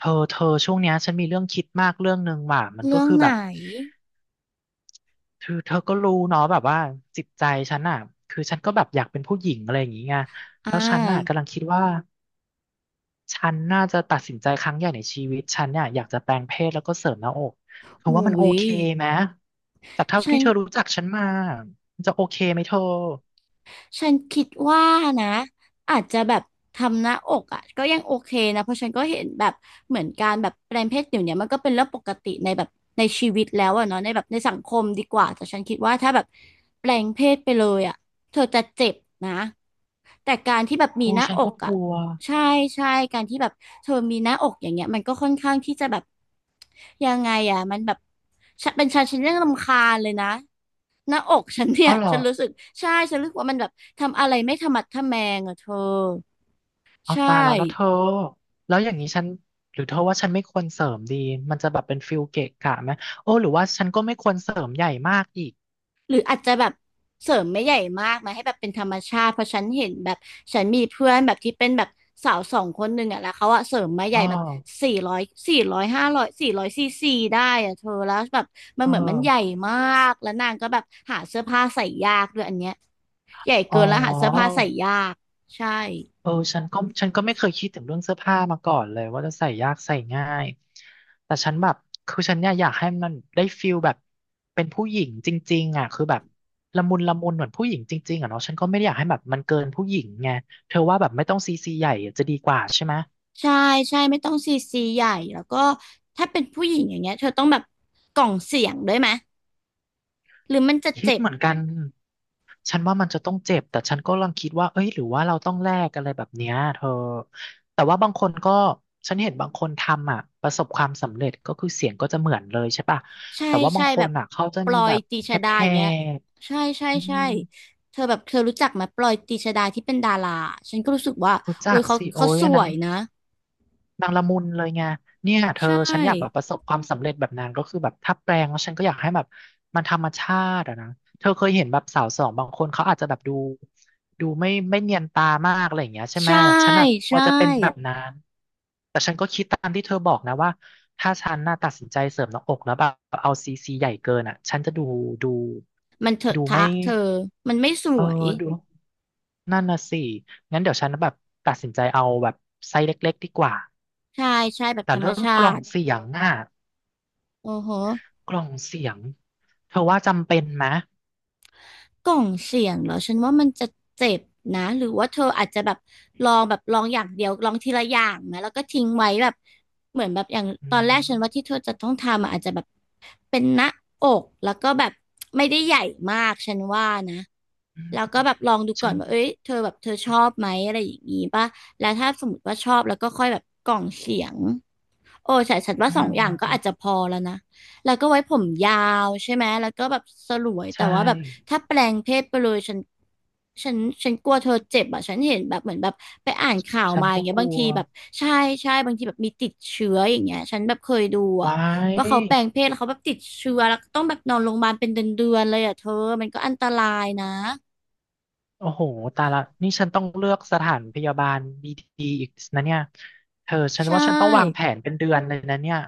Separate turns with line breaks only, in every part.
เธอช่วงเนี้ยฉันมีเรื่องคิดมากเรื่องหนึ่งว่ะมันก็
เรื่อง
คือ
ไห
แบ
น
บเธอก็รู้เนาะแบบว่าจิตใจฉันอ่ะคือฉันก็แบบอยากเป็นผู้หญิงอะไรอย่างงี้ไง
อ่
แล้วฉันน่ะ
า
กำลังคิดว่าฉันน่าจะตัดสินใจครั้งใหญ่ในชีวิตฉันเนี่ยอยากจะแปลงเพศแล้วก็เสริมหน้าอกเธอ
อุ้
ว่ามันโอ
ย
เคไหมจากเท่า
ฉั
ที่
น
เธอรู้จักฉันมามันจะโอเคไหมเธอ
ฉันคิดว่านะอาจจะแบบทำหน้าอกอ่ะก็ยังโอเคนะเพราะฉันก็เห็นแบบเหมือนการแบบแปลงเพศเดี๋ยวนี้มันก็เป็นเรื่องปกติในแบบในชีวิตแล้วอะเนาะในแบบในสังคมดีกว่าแต่ฉันคิดว่าถ้าแบบแปลงเพศไปเลยอ่ะเธอจะเจ็บนะแต่การที่แบบมี
โอ้
หน้า
ฉัน
อ
ก็
ก
ก
อ่ะ
ลัว
ใช่ใช่การที่แบบเธอมีหน้าอกอย่างเงี้ยมันก็ค่อนข้างที่จะแบบยังไงอ่ะมันแบบฉันเป็นฉันยังรำคาญเลยนะหน้าอกฉันเนี่
อ๋อ
ย
เหรอ
ฉันรู้สึกใช่ฉันรู้สึกว่ามันแบบ ทำอะไรไม่ทะมัดทะแมงอ่ะเธอ
เอา
ใช่
ตายแล้วแล้วเธอแล้วอย่างนี้ฉันหรือเธอว่าฉันไม่ควรเสริมดี มันจะแบบเป็นฟิลเกะกะไหมโอ้หรือว่าฉันก็ไม่ควรเสริมใหญ่มากอีก
หรืออาจจะแบบเสริมไม่ใหญ่มากนะให้แบบเป็นธรรมชาติเพราะฉันเห็นแบบฉันมีเพื่อนแบบที่เป็นแบบสาวสองคนหนึ่งอ่ะแล้วเขาอะเสริมมาให
อ๋อ
ญ่แบบ400 400 500 400 ccได้อ่ะเธอแล้วแบบมัน
เอ
เหมือนมันใหญ่
อ
มากแล้วนางก็แบบหาเสื้อผ้าใส่ยากด้วยอันเนี้ยใหญ่
อ๋อ
เกินแล้วหาเสื้อผ้าใส่ยากใช่
เออฉันก็ไม่เคยคิดถึงเรื่องเสื้อผ้ามาก่อนเลยว่าจะใส่ยากใส่ง่าย แต่ฉันแบบคือฉันเนี่ยอยากให้มันได้ฟิลแบบเป็นผู้หญิงจริงๆอ่ะคือแบบละมุนละมุนเหมือนผู้หญิงจริงๆอ่ะเนาะฉันก็ไม่ได้อยากให้แบบมันเกินผู้หญิงไงเธอว่าแบบไม่ต้องซีซีใหญ่จะดีกว่าใช่ไหม
ใช่ใช่ไม่ต้องซีซีใหญ่แล้วก็ถ้าเป็นผู้หญิงอย่างเงี้ยเธอต้องแบบกล่องเสียงด้วยไหม หรือมันจะ
คิด
เจ็บ
เหมือนกัน ฉันว่ามันจะต้องเจ็บ แต่ฉันก็กำลังคิดว่าเอ้ยหรือว่าเราต้องแลกอะไรแบบเนี้ยเธอแต่ว่าบางคนก็ฉันเห็นบางคนทำอ่ะประสบความสำเร็จก็คือเสียงก็จะเหมือนเลยใช่ป่ะ
ใช่
แต่ว่าบา
ใช่
งค
แบ
น
บ
อ่ะเขาจะ
ปล
มี
อ
แบ
ย
บ
ตีช
แฮป
ดา
แฮ
อย่างเงี้ยใช่ใช่
อื
ใช่
ม
เธอแบบเธอรู้จักไหมปลอยตีชดาที่เป็นดาราฉันก็รู้สึกว่า
รู้
โอ้
จั
ย
ก
เขา
สิโอ้
เขา
ย
ส
อัน
ว
นั้น
ยนะ
นางละมุนเลยไงเนี่ยเธอ
ใช่
ฉันอยากแบบประสบความสำเร็จแบบนางก็คือแบบถ้าแปลงแล้วฉันก็อยากให้แบบมันธรรมชาติอะนะเธอเคยเห็นแบบสาวสองบางคนเขาอาจจะแบบดูไม่เนียนตามากอะไรอย่างเงี้ยใช่ไหม
ใช่
ฉันอะกลัว
ใช่
จะเป็นแบบนั้นแต่ฉันก็คิดตามที่เธอบอกนะว่าถ้าฉันน่ะตัดสินใจเสริมหน้าอกแล้วแบบเอาซีซีใหญ่เกินอะฉันจะดูดู
มันเถอะ
ดู
ทะ
ไม่
เธอมันไม่ส
เออ
วย
ดู นั่นน่ะสิ งั้นเดี๋ยวฉันแบบตัดสินใจเอาแบบไซส์เล็กๆดีกว่า
ใช่ใช่แบบ
แต่
ธรรม
เรื่อง
ชา
กล่อง
ติ
เสียงอ่ะ
โอ้โห
กล่องเสียง เธอว่าจำเป็นไหม
กล่องเสียงเหรอฉันว่ามันจะเจ็บนะหรือว่าเธออาจจะแบบลองอย่างเดียวลองทีละอย่างไหมแล้วก็ทิ้งไว้แบบเหมือนแบบอย่าง
อื
ตอนแรกฉันว่าที่
ม
เธอจะต้องทำอะอาจจะแบบเป็นหน้าอกแล้วก็แบบไม่ได้ใหญ่มากฉันว่านะ
อืม
แล้วก็แบบลองดูก่
ฉั
อน
น
ว่าเอ้ยเธอแบบเธอชอบไหมอะไรอย่างงี้ป่ะแล้วถ้าสมมติว่าชอบแล้วก็ค่อยแบบกล่องเสียง โอ้ใช่ฉันว่า
อื
สองอย่างก็อา
ม
จจะพอแล้วนะแล้วก็ไว้ผมยาวใช่ไหมแล้วก็แบบสลวยแต่
ใช่
ว่าแบบถ้าแปลงเพศไปเลยฉันฉันกลัวเธอเจ็บอ่ะฉันเห็นแบบเหมือนแบบไปอ่านข่าว
ฉัน
มาอย่า
ก็
งเงี้ย
กลั
บาง
ว
ทีแบบใช่ใช่บางทีแบบมีติดเชื้ออย่างเงี้ยฉันแบบเคยดู
ไว้
อ่ะว่าเขาแปลงเพศแล้วเขาแบบติดเชื้อแล้วก็ต้องแบบนอนโรงพยาบาลเป็นเดือนๆเลยอ่ะเธอมันก็อันตรายนะ
โอ้โหตายละ นี่ฉันต้องเลือกสถานพยาบาลดีๆอีกนะเนี่ย เธอฉัน
ใช
ว่าฉันต้องวางแผ
่
นเป็นเดือนเลยนะเนี่ย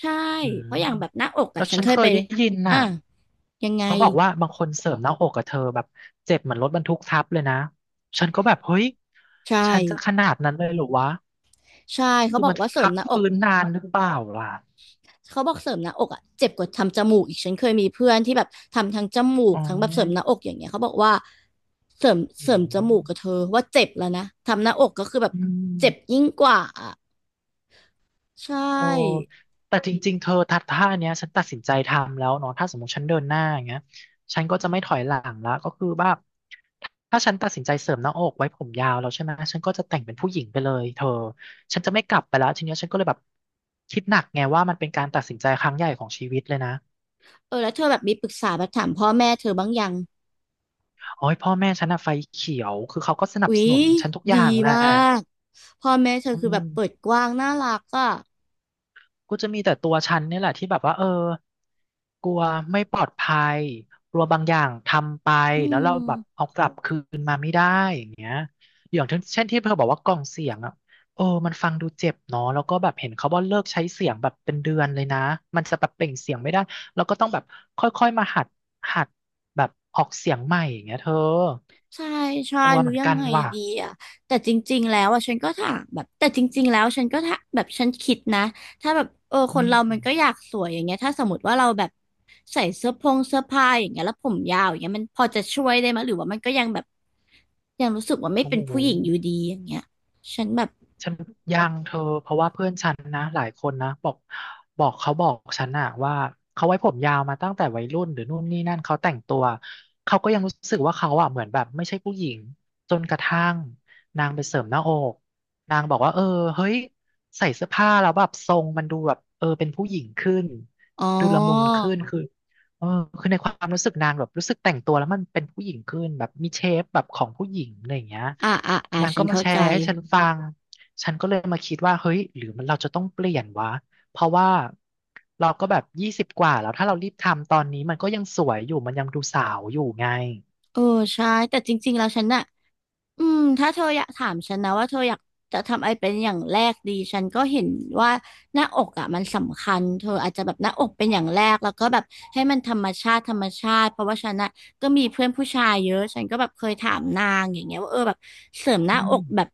ใช่
อื
เพราะ
ม
อย่างแบบหน้าอก
แล้
อ่ะ
ว
ฉัน
ฉัน
เคย
เค
ไป
ยได้ยิน
อ่ะ
น่ะ
ยังไง
เขาบอกว่าบางคนเสริมหน้าอกกับเธอแบบเจ็บเหมือนรถบรรทุกทับเลยนะ ฉันก็แบบเฮ้ย
ใช่
ฉันจะขนาดนั้นเลยเหรอวะ
ใช่เขา
คือ
บอก
มัน
ว่าเสริ
พั
ม
ก
หน้าอก
ฟื้นนานหรือเปล่าล่ะ
เขาบอกเสริมหน้าอกอ่ะเจ็บกว่าทำจมูกอีกฉันเคยมีเพื่อนที่แบบทำทั้งจมู
อ๋
กทั้งแบบเสริมหน้า
อ
อกอย่างเงี้ยเขาบอกว่าเสริม
อื
เสริมจ
ม
มูกกับเธอว่าเจ็บแล้วนะทำหน้าอกก็คือแบบ
อืม
เจ็บยิ่งกว่าอะใช
โอ้
่
แต่จริงๆ เธอทัดท่าเนี้ยฉันตัดสินใจทำแล้วเนาะถ้าสมมติฉันเดินหน้าอย่างเงี้ยฉันก็จะไม่ถอยหลังละก็คือว่าถ้าฉันตัดสินใจเสริมหน้าอกไว้ผมยาวแล้วใช่ไหมฉันก็จะแต่งเป็นผู้หญิงไปเลยเธอฉันจะไม่กลับไปแล้วทีเนี้ยฉันก็เลยแบบคิดหนักไงว่ามันเป็นการตัดสินใจครั้งใหญ่ของชีวิตเลยนะ
เออแล้วเธอแบบมีปรึกษาแบบถามพ่อแม่เธอบ้างยัง
โอ้ยพ่อแม่ฉันอะไฟเขียวคือเขาก็สนับ
อุ๊
ส
ย
นุนฉันทุกอ
ดี
ย่างแหละ
มากพ่อแม่เธอ
อื
คือแบ
ม
บเปิดกว้างน่ารักอ่ะ
กูจะมีแต่ตัวฉันเนี่ยแหละที่แบบว่าเออกลัวไม่ปลอดภัยกลัวบางอย่างทำไป
อื
แล้วเราแบบ
ม
เอากลับคืนมาไม่ได้อย่างเงี้ยอย่างเช่นที่เธอบอกว่ากล่องเสียงอ่ะเออมันฟังดูเจ็บเนาะแล้วก็แบบเห็นเขาว่าเลิกใช้เสียงแบบเป็นเดือนเลยนะมันจะแบบเปล่งเสียงไม่ได้แล้วก็ต้องแบบค่อยๆมาหัดแบบออกเสียงใหม่อย่างเงี้ยเธอ
ใช่ใช่
กลัว
หรื
เห
อ
มือน
ยัง
กัน
ไง
ว่ะ
ดีอ่ะแต่จริงๆแล้วอ่ะฉันก็ถามแบบแต่จริงๆแล้วฉันก็ถามแบบฉันคิดนะถ้าแบบเออค
อื
น
ม
เรามันก็อยากสวยอย่างเงี้ยถ้าสมมติว่าเราแบบใส่เสื้อพงเสื้อผ้าอย่างเงี้ยแล้วผมยาวอย่างเงี้ยมันพอจะช่วยได้ไหมหรือว่ามันก็ยังแบบยังรู้สึกว่าไม่
โอ้
เป็น
โห
ผู้หญิงอยู่ดีอย่างเงี้ยฉันแบบ
ฉันยังเธอเพราะว่าเพื่อนฉันนะหลายคนนะบอกเขาบอกฉันอะว่าเขาไว้ผมยาวมาตั้งแต่วัยรุ่นหรือนู่นนี่นั่นเขาแต่งตัวเขาก็ยังรู้สึกว่าเขาอะเหมือนแบบไม่ใช่ผู้หญิงจนกระทั่งนางไปเสริมหน้าอกนางบอกว่าเออเฮ้ยใส่เสื้อผ้าแล้วแบบทรงมันดูแบบเออเป็นผู้หญิงขึ้น
อ๋อ
ดูละมุนขึ้นคือเออคือในความรู้สึกนางแบบรู้สึกแต่งตัวแล้วมันเป็นผู้หญิงขึ้นแบบมีเชฟแบบของผู้หญิงอะไรอย่างเงี้ย
อ่าอ่าอ่า
นาง
ฉั
ก็
น
มา
เข้า
แช
ใจ
ร์ให้ฉันฟัง ฉันก็เลยมาคิดว่าเฮ้ยหรือมันเราจะต้องเปลี่ยนวะเพราะว่าเราก็แบบ20กว่าแล้วถ้าเรารีบทำตอนนี้มันก็ยังสวยอยู่มันยังดูสาวอยู่ไง
เออใช่แต่จริงๆแล้วฉันน่ะ อืมถ้าเธออยากถามฉันนะว่าเธออยากจะทำอะไรเป็นอย่างแรกดีฉันก็เห็นว่าหน้าอกอ่ะมันสำคัญเธออาจจะแบบหน้าอกเป็นอย่างแรกแล้วก็แบบให้มันธรรมชาติธรรมชาติเพราะว่าฉันอ่ะก็มีเพื่อนผู้ชายเยอะฉันก็แบบเคยถามนางอย่างเงี้ยว่าเออแบบเสริมหน้า
อื
อ
ม
กแบบ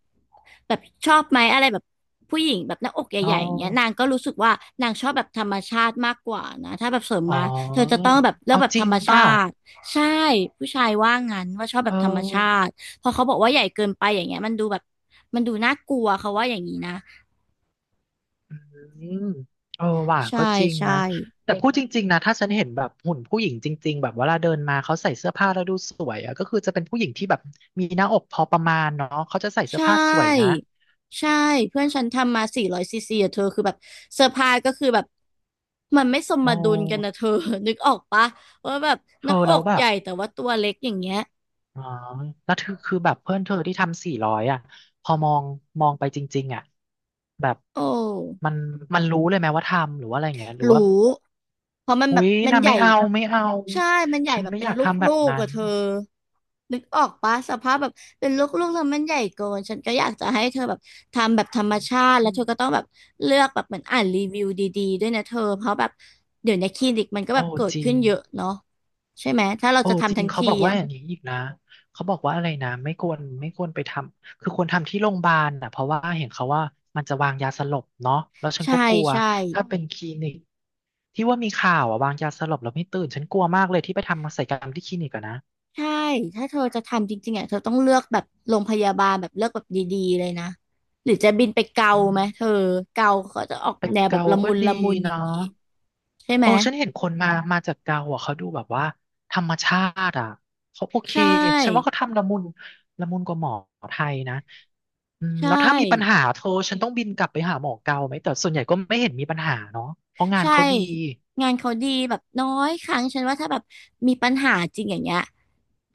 แบบชอบไหมอะไรแบบผู้หญิงแบบหน้าอก
อ๋อ
ใหญ่ๆอย่างเงี้ยนางก็รู้สึกว่านางชอบแบบธรรมชาติมากกว่านะถ้าแบบเสริม
อ๋อ
มาเธอจะต้องแบบเลือก
เอา
แบบ
จ
ธ
ริ
ร
ง
รมชา
ป่ะ
ติใช่ผู้ชายว่างั้นว่าชอบแบ
เอ
บธรรมชา
อ
ติ พอเขาบอกว่าใหญ่เกินไปอย่างเงี้ยมันดูแบบมันดูน่ากลัวเขาว่าอย่างนี้นะ
อืมเออว่ะ
ใช่
ก็จริง
ใช่
นะแต่พูดจริงๆนะถ้าฉันเห็นแบบหุ่นผู้หญิงจริงๆแบบเวลาเดินมาเขาใส่เสื้อผ้าแล้วดูสวยอะก็คือจะเป็นผู้หญิงที่แบบมีหน้าอกพอประมาณเนาะเขาจะใส่เสื้อ
ใช่
ผ้าสวยนะ
ใช่เพื่อนฉันทำมาสี่ร้อยซีซีอะเธอคือแบบเซอร์ไพรส์ก็คือแบบมันไม่ส
โอ
มดุลกันนะ
้
เธอ นึกออกปะว่าแบบห
เธ
น้า
อ
อ
แล้ว
ก
แบ
ให
บ
ญ่แต่ว่าตัวเล็กอย่างเงี้ย
อ๋อแล้วคือแบบเพื่อนเธอที่ทำ400อ่ะพอมองไปจริงๆอ่ะแบบ
โอ้
มันมันรู้เลยไหมว่าทำหรือว่าอะไรอย่างเงี้ยหรือว่า
รู้เพราะมันแบ
อุ๊
บ
ย
มัน
น่ะ
ให
ไม่
ญ่
เอาไม่เอา
ใช่มันใหญ่
ฉัน
แบบ
ไม่
เป็
อ
น
ยาก
ล
ทำแบ
ู
บ
ก
นั้
ๆกับ
น
เธอนึกออกปะสภาพแบบเป็นลูกๆแล้วมันใหญ่เกินฉันก็อยากจะให้เธอแบบทำแบบธรรมชาติแล้
อื
วเธ
ม
อก็ต้องแบบเลือกแบบเหมือนอ่านรีวิวดีๆด้วยนะเธอเพราะแบบเดี๋ยวในคลินิกมันก็แบ
โอ้
บเกิด
จริ
ขึ้
ง
นเยอะเนาะใช่ไหมถ้าเรา
โอ้
จะ
จ
ทำ
ริ
ทั้
ง
ง
เขา
ที
บอกว่า
อ่ะ
อย่างนี้อีกนะเขาบอกว่าอะไรนะไม่ควรไปทำคือควรทำที่โรงพยาบาลอ่ะเพราะว่าเห็นเขาว่ามันจะวางยาสลบเนาะแล้วฉัน
ใช่
ก็กลัว
ใช่
ถ้าเป็นคลินิกที่ว่ามีข่าวอะวางยาสลบแล้วไม่ตื่นฉันกลัวมากเลยที่ไปทำศัลยกรรมที่คลินิกอะนะ
ใช่ ถ้าเธอจะทำจริงๆอ่ะเธอต้องเลือกแบบโรงพยาบาลแบบเลือกแบบดีๆเลยนะ หรือจะบินไปเกา
อื
ไหมเธ
ม
อเกาเขาจะออก
ไป่
แนวแบบ
เกา
ละ
ก็
มุน
ดี
ละมุนอย่า
เนาะ
งนี้ใช่ไหม
โอ้ฉันเห็นคนมา มาจากเกาอ่ะเขาดูแบบว่าธรรมชาติอ่ะเขาโอเค
ใช
ฉันว่า
่
เขาทำละมุนกว่าหมอไทยนะอืม
ใช่
แล้วถ้ามีปัญหาโทรฉันต้องบินกลับไปหาหมอเกาไหมแต่ส่วนใหญ่ก็ไม่เห็นมีปัญหาเนาะเพราะงาน
ใช่
เขาดี
งานเขาดีแบบน้อยครั้งฉันว่าถ้าแบบมีปัญหาจริงอย่างเงี้ย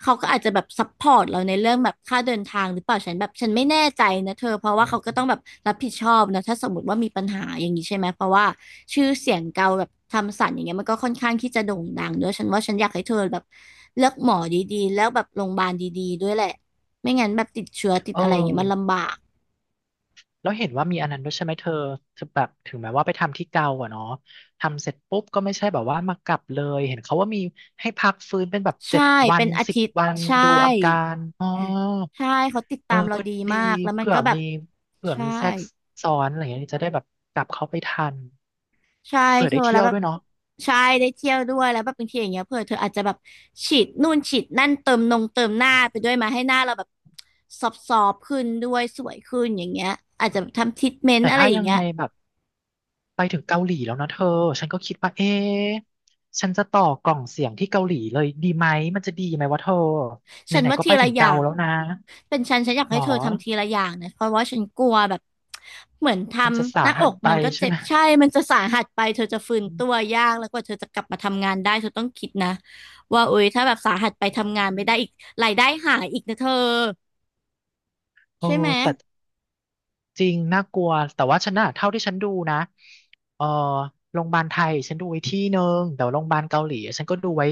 เขาก็อาจจะแบบซัพพอร์ตเราในเรื่องแบบค่าเดินทางหรือเปล่าฉันแบบฉันไม่แน่ใจนะเธอเพราะว่าเขาก็ต้องแบบรับผิดชอบนะถ้าสมมติว่ามีปัญหาอย่างนี้ใช่ไหมเพราะว่าชื่อเสียงเกาแบบทำสันอย่างเงี้ยมันก็ค่อนข้างที่จะโด่งดังด้วยฉันว่าฉันอยากให้เธอแบบเลือกหมอดีๆแล้วแบบโรงพยาบาลดีๆด้วยแหละไม่งั้นแบบติดเชื้อติด
เอ
อะไรอย่างเงี้ยมัน
อ
ลำบาก
แล้วเห็นว่ามีอันนั้นด้วยใช่ไหมเธอเธอแบบถึงแม้ว่าไปทำที่เกาอ่ะเนาะทำเสร็จปุ๊บก็ไม่ใช่แบบว่ามากลับเลยเห็นเขาว่ามีให้พักฟื้นเป็นแบบเจ็
ใช่
ดวั
เป็
น
นอา
สิบ
ทิตย์
วัน
ใช่
ดูอาการอ๋อ
ใช่เขาติด
เอ
ตา
อ
มเรา
ก็
ดี
ดี
มากแล้วมัน
เผื่อ
ก็แบบ
มีเผื่อ
ใช่
มีแทรกซ้อนอะไรอย่างเงี้ยจะได้แบบกลับเข้าไปทัน
ใช่
เผื่อ
เธ
ได้
อแล้
เที่
ว
ยว
แบบ
ด้วยเนาะ
ใช่ได้เที่ยวด้วยแล้วแบบบางทีอย่างเงี้ยเผื่อเธออาจจะแบบฉีดนู่นฉีดนั่นเติมนงเติมหน้าไปด้วยมาให้หน้าเราแบบซอบๆขึ้นด้วยสวยขึ้นอย่างเงี้ยอาจจะทำทรีทเมน
แต่
ต์อะไร
ถ้า
อย่าง
ยัง
เงี้ย
ไงแบบไปถึงเกาหลีแล้วนะเธอฉันก็คิดว่าเอ๊ะฉันจะต่อกล่องเสียงที่เกาหลีเลยดีไหมมันจะดีไหมวะเธอไห
ฉัน
น
ว่า
ๆก็
ที
ไป
ละ
ถึง
อย่า
เกา
ง
แล้วนะ
เป็นฉันฉันอยาก
หร
ให้
อ
เธอทำทีละอย่างนะเพราะว่าฉันกลัวแบบเหมือนท
มันจะ
ำ
สา
หน้าอ
หัส
ก
ไป
มันก็
ใช่
เจ็บ
ไหม
ใช่มันจะสาหัสไปเธอจะฟื้น
อื
ตัว
ม
ยากแล้วกว่าเธอจะกลับมาทำงานได้เธอต้องคิดนะว่าโอ๊ยถ้าแบบสาหัสไปทำงานไม่ได้อีกรายได้หายอีกนะเธอ
โอ้
ใช่ไหม
แต่ จริงน่ากลัวแต่ว่าฉันน่ะเท่าที่ฉันดูนะเออโรงพยาบาลไทยฉันดูไว้ที่หนึ่งแต่ว่าโรงพยาบาลเกาหลีฉันก็ดูไว้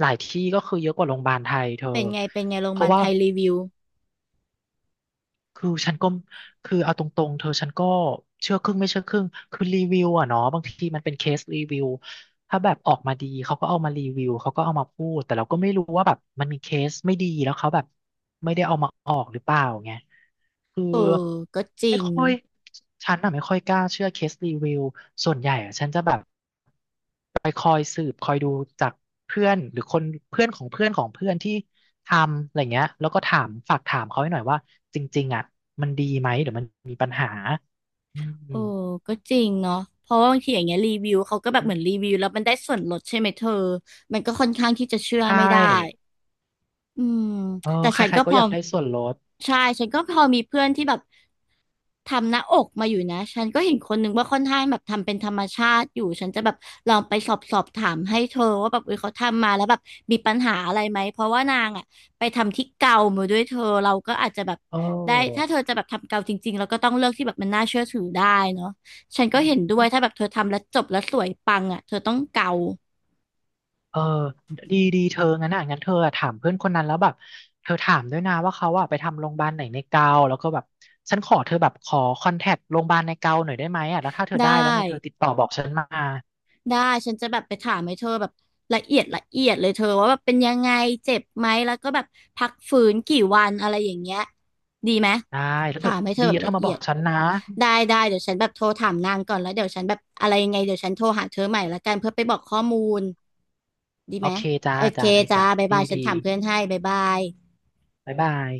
หลายที่ก็คือเยอะกว่าโรงพยาบาลไทยเธอ
เป็นไงเป็นไงโรง
เพ
พยาบา
ราะ
ล
ว่า
ไทยรีวิว
คือฉันก็คือเอาตรงๆเธอฉันก็เชื่อครึ่งไม่เชื่อครึ่งคือรีวิวอะเนาะบางทีมันเป็นเคสรีวิวถ้าแบบออกมาดีเขาก็เอามารีวิวเขาก็เอามาพูดแต่เราก็ไม่รู้ว่าแบบมันมีเคสไม่ดีแล้วเขาแบบไม่ได้เอามาออกหรือเปล่าไงคือ
เออก็จริ
ไม่
ง
ค่อยฉันอะไม่ค่อยกล้าเชื่อเคสรีวิวส่วนใหญ่อะฉันจะแบบ คอยสืบคอยดูจากเพื่อนหรือคนเพื่อนของเพื่อนของเพื่อนที่ทำอะไรเงี้ยแล้วก็ถามฝากถามเขาให้หน่อยว่าจริงๆอ่ะมันดีไหมหรือมันมีปัญหาอืม
โอ้ก็จริงเนาะเพราะว่าบางทีอย่างเงี้ยรีวิวเขาก็แบบเหมือนรีวิวแล้วมันได้ส่วนลดใช่ไหมเธอมันก็ค่อนข้างที่จะเชื่อ
ใช่
ไม่ได้ อืม
เออ
แต่
ใค
ฉัน
ร
ก็
ๆก็
พ
อ
อ
ยากได้ส่วนลด
ใช่ฉันก็พอมีเพื่อนที่แบบทำหน้าอกมาอยู่นะฉันก็เห็นคนหนึ่งว่าค่อนข้างแบบทำเป็นธรรมชาติอยู่ฉันจะแบบลองไปสอบถามให้เธอว่าแบบเออเขาทำมาแล้วแบบมีปัญหาอะไรไหมเพราะว่านางอ่ะไปทำที่เกามาด้วยเธอเราก็อาจจะแบบ
เอ
ได้ถ้า
อ
เธอจะแบบทำเกาจริงๆเราก็ต้องเลือกที่แบบมันน่าเชื่อถือได้เนาะฉันก็เห็นด้วยถ้าแบบเธอทำแล้วจบแล้วสวยปังอ่ะเธอต้องเกา
เออดีเธองั้นอ่ะงั้นเธออะถามเพื่อนคนนั้นแล้วแบบเธอถามด้วยนะว่าเขาอ่ะไปทำโรงพยาบาลไหนในเกาแล้วก็แบบฉันขอเธอแบบขอคอนแทคโรงพยาบาลในเกาหน่อยได้ไหมอ่ะแล้วถ้าเธอ
ได้
ได้แล้วไงเธอติดต่อบอกฉันมา
ได้ฉันจะแบบไปถามให้เธอแบบละเอียดละเอียดเลยเธอว่าแบบเป็นยังไงเจ็บไหมแล้วก็แบบพักฟื้นกี่วันอะไรอย่างเงี้ยดีไหม
ได้แล้วเธ
ถา
อ
มให้เธอ
ดี
แบ
แล้
บ
วเธอ
ละ
มา
เอี
บอ
ย
ก
ด
ฉันนะ
ได้ได้เดี๋ยวฉันแบบโทรถามนางก่อนแล้วเดี๋ยวฉันแบบอะไรยังไงเดี๋ยวฉันโทรหาเธอใหม่ละกันเพื่อไปบอกข้อมูลดี
โอ
ไหม
เคจ้า
โอเค
จ้าได้
จ้า
จ้า
บ๊ายบา
ดี
ยฉั
ดี
นถามเพื่อนให้บ๊ายบาย
บ๊ายบาย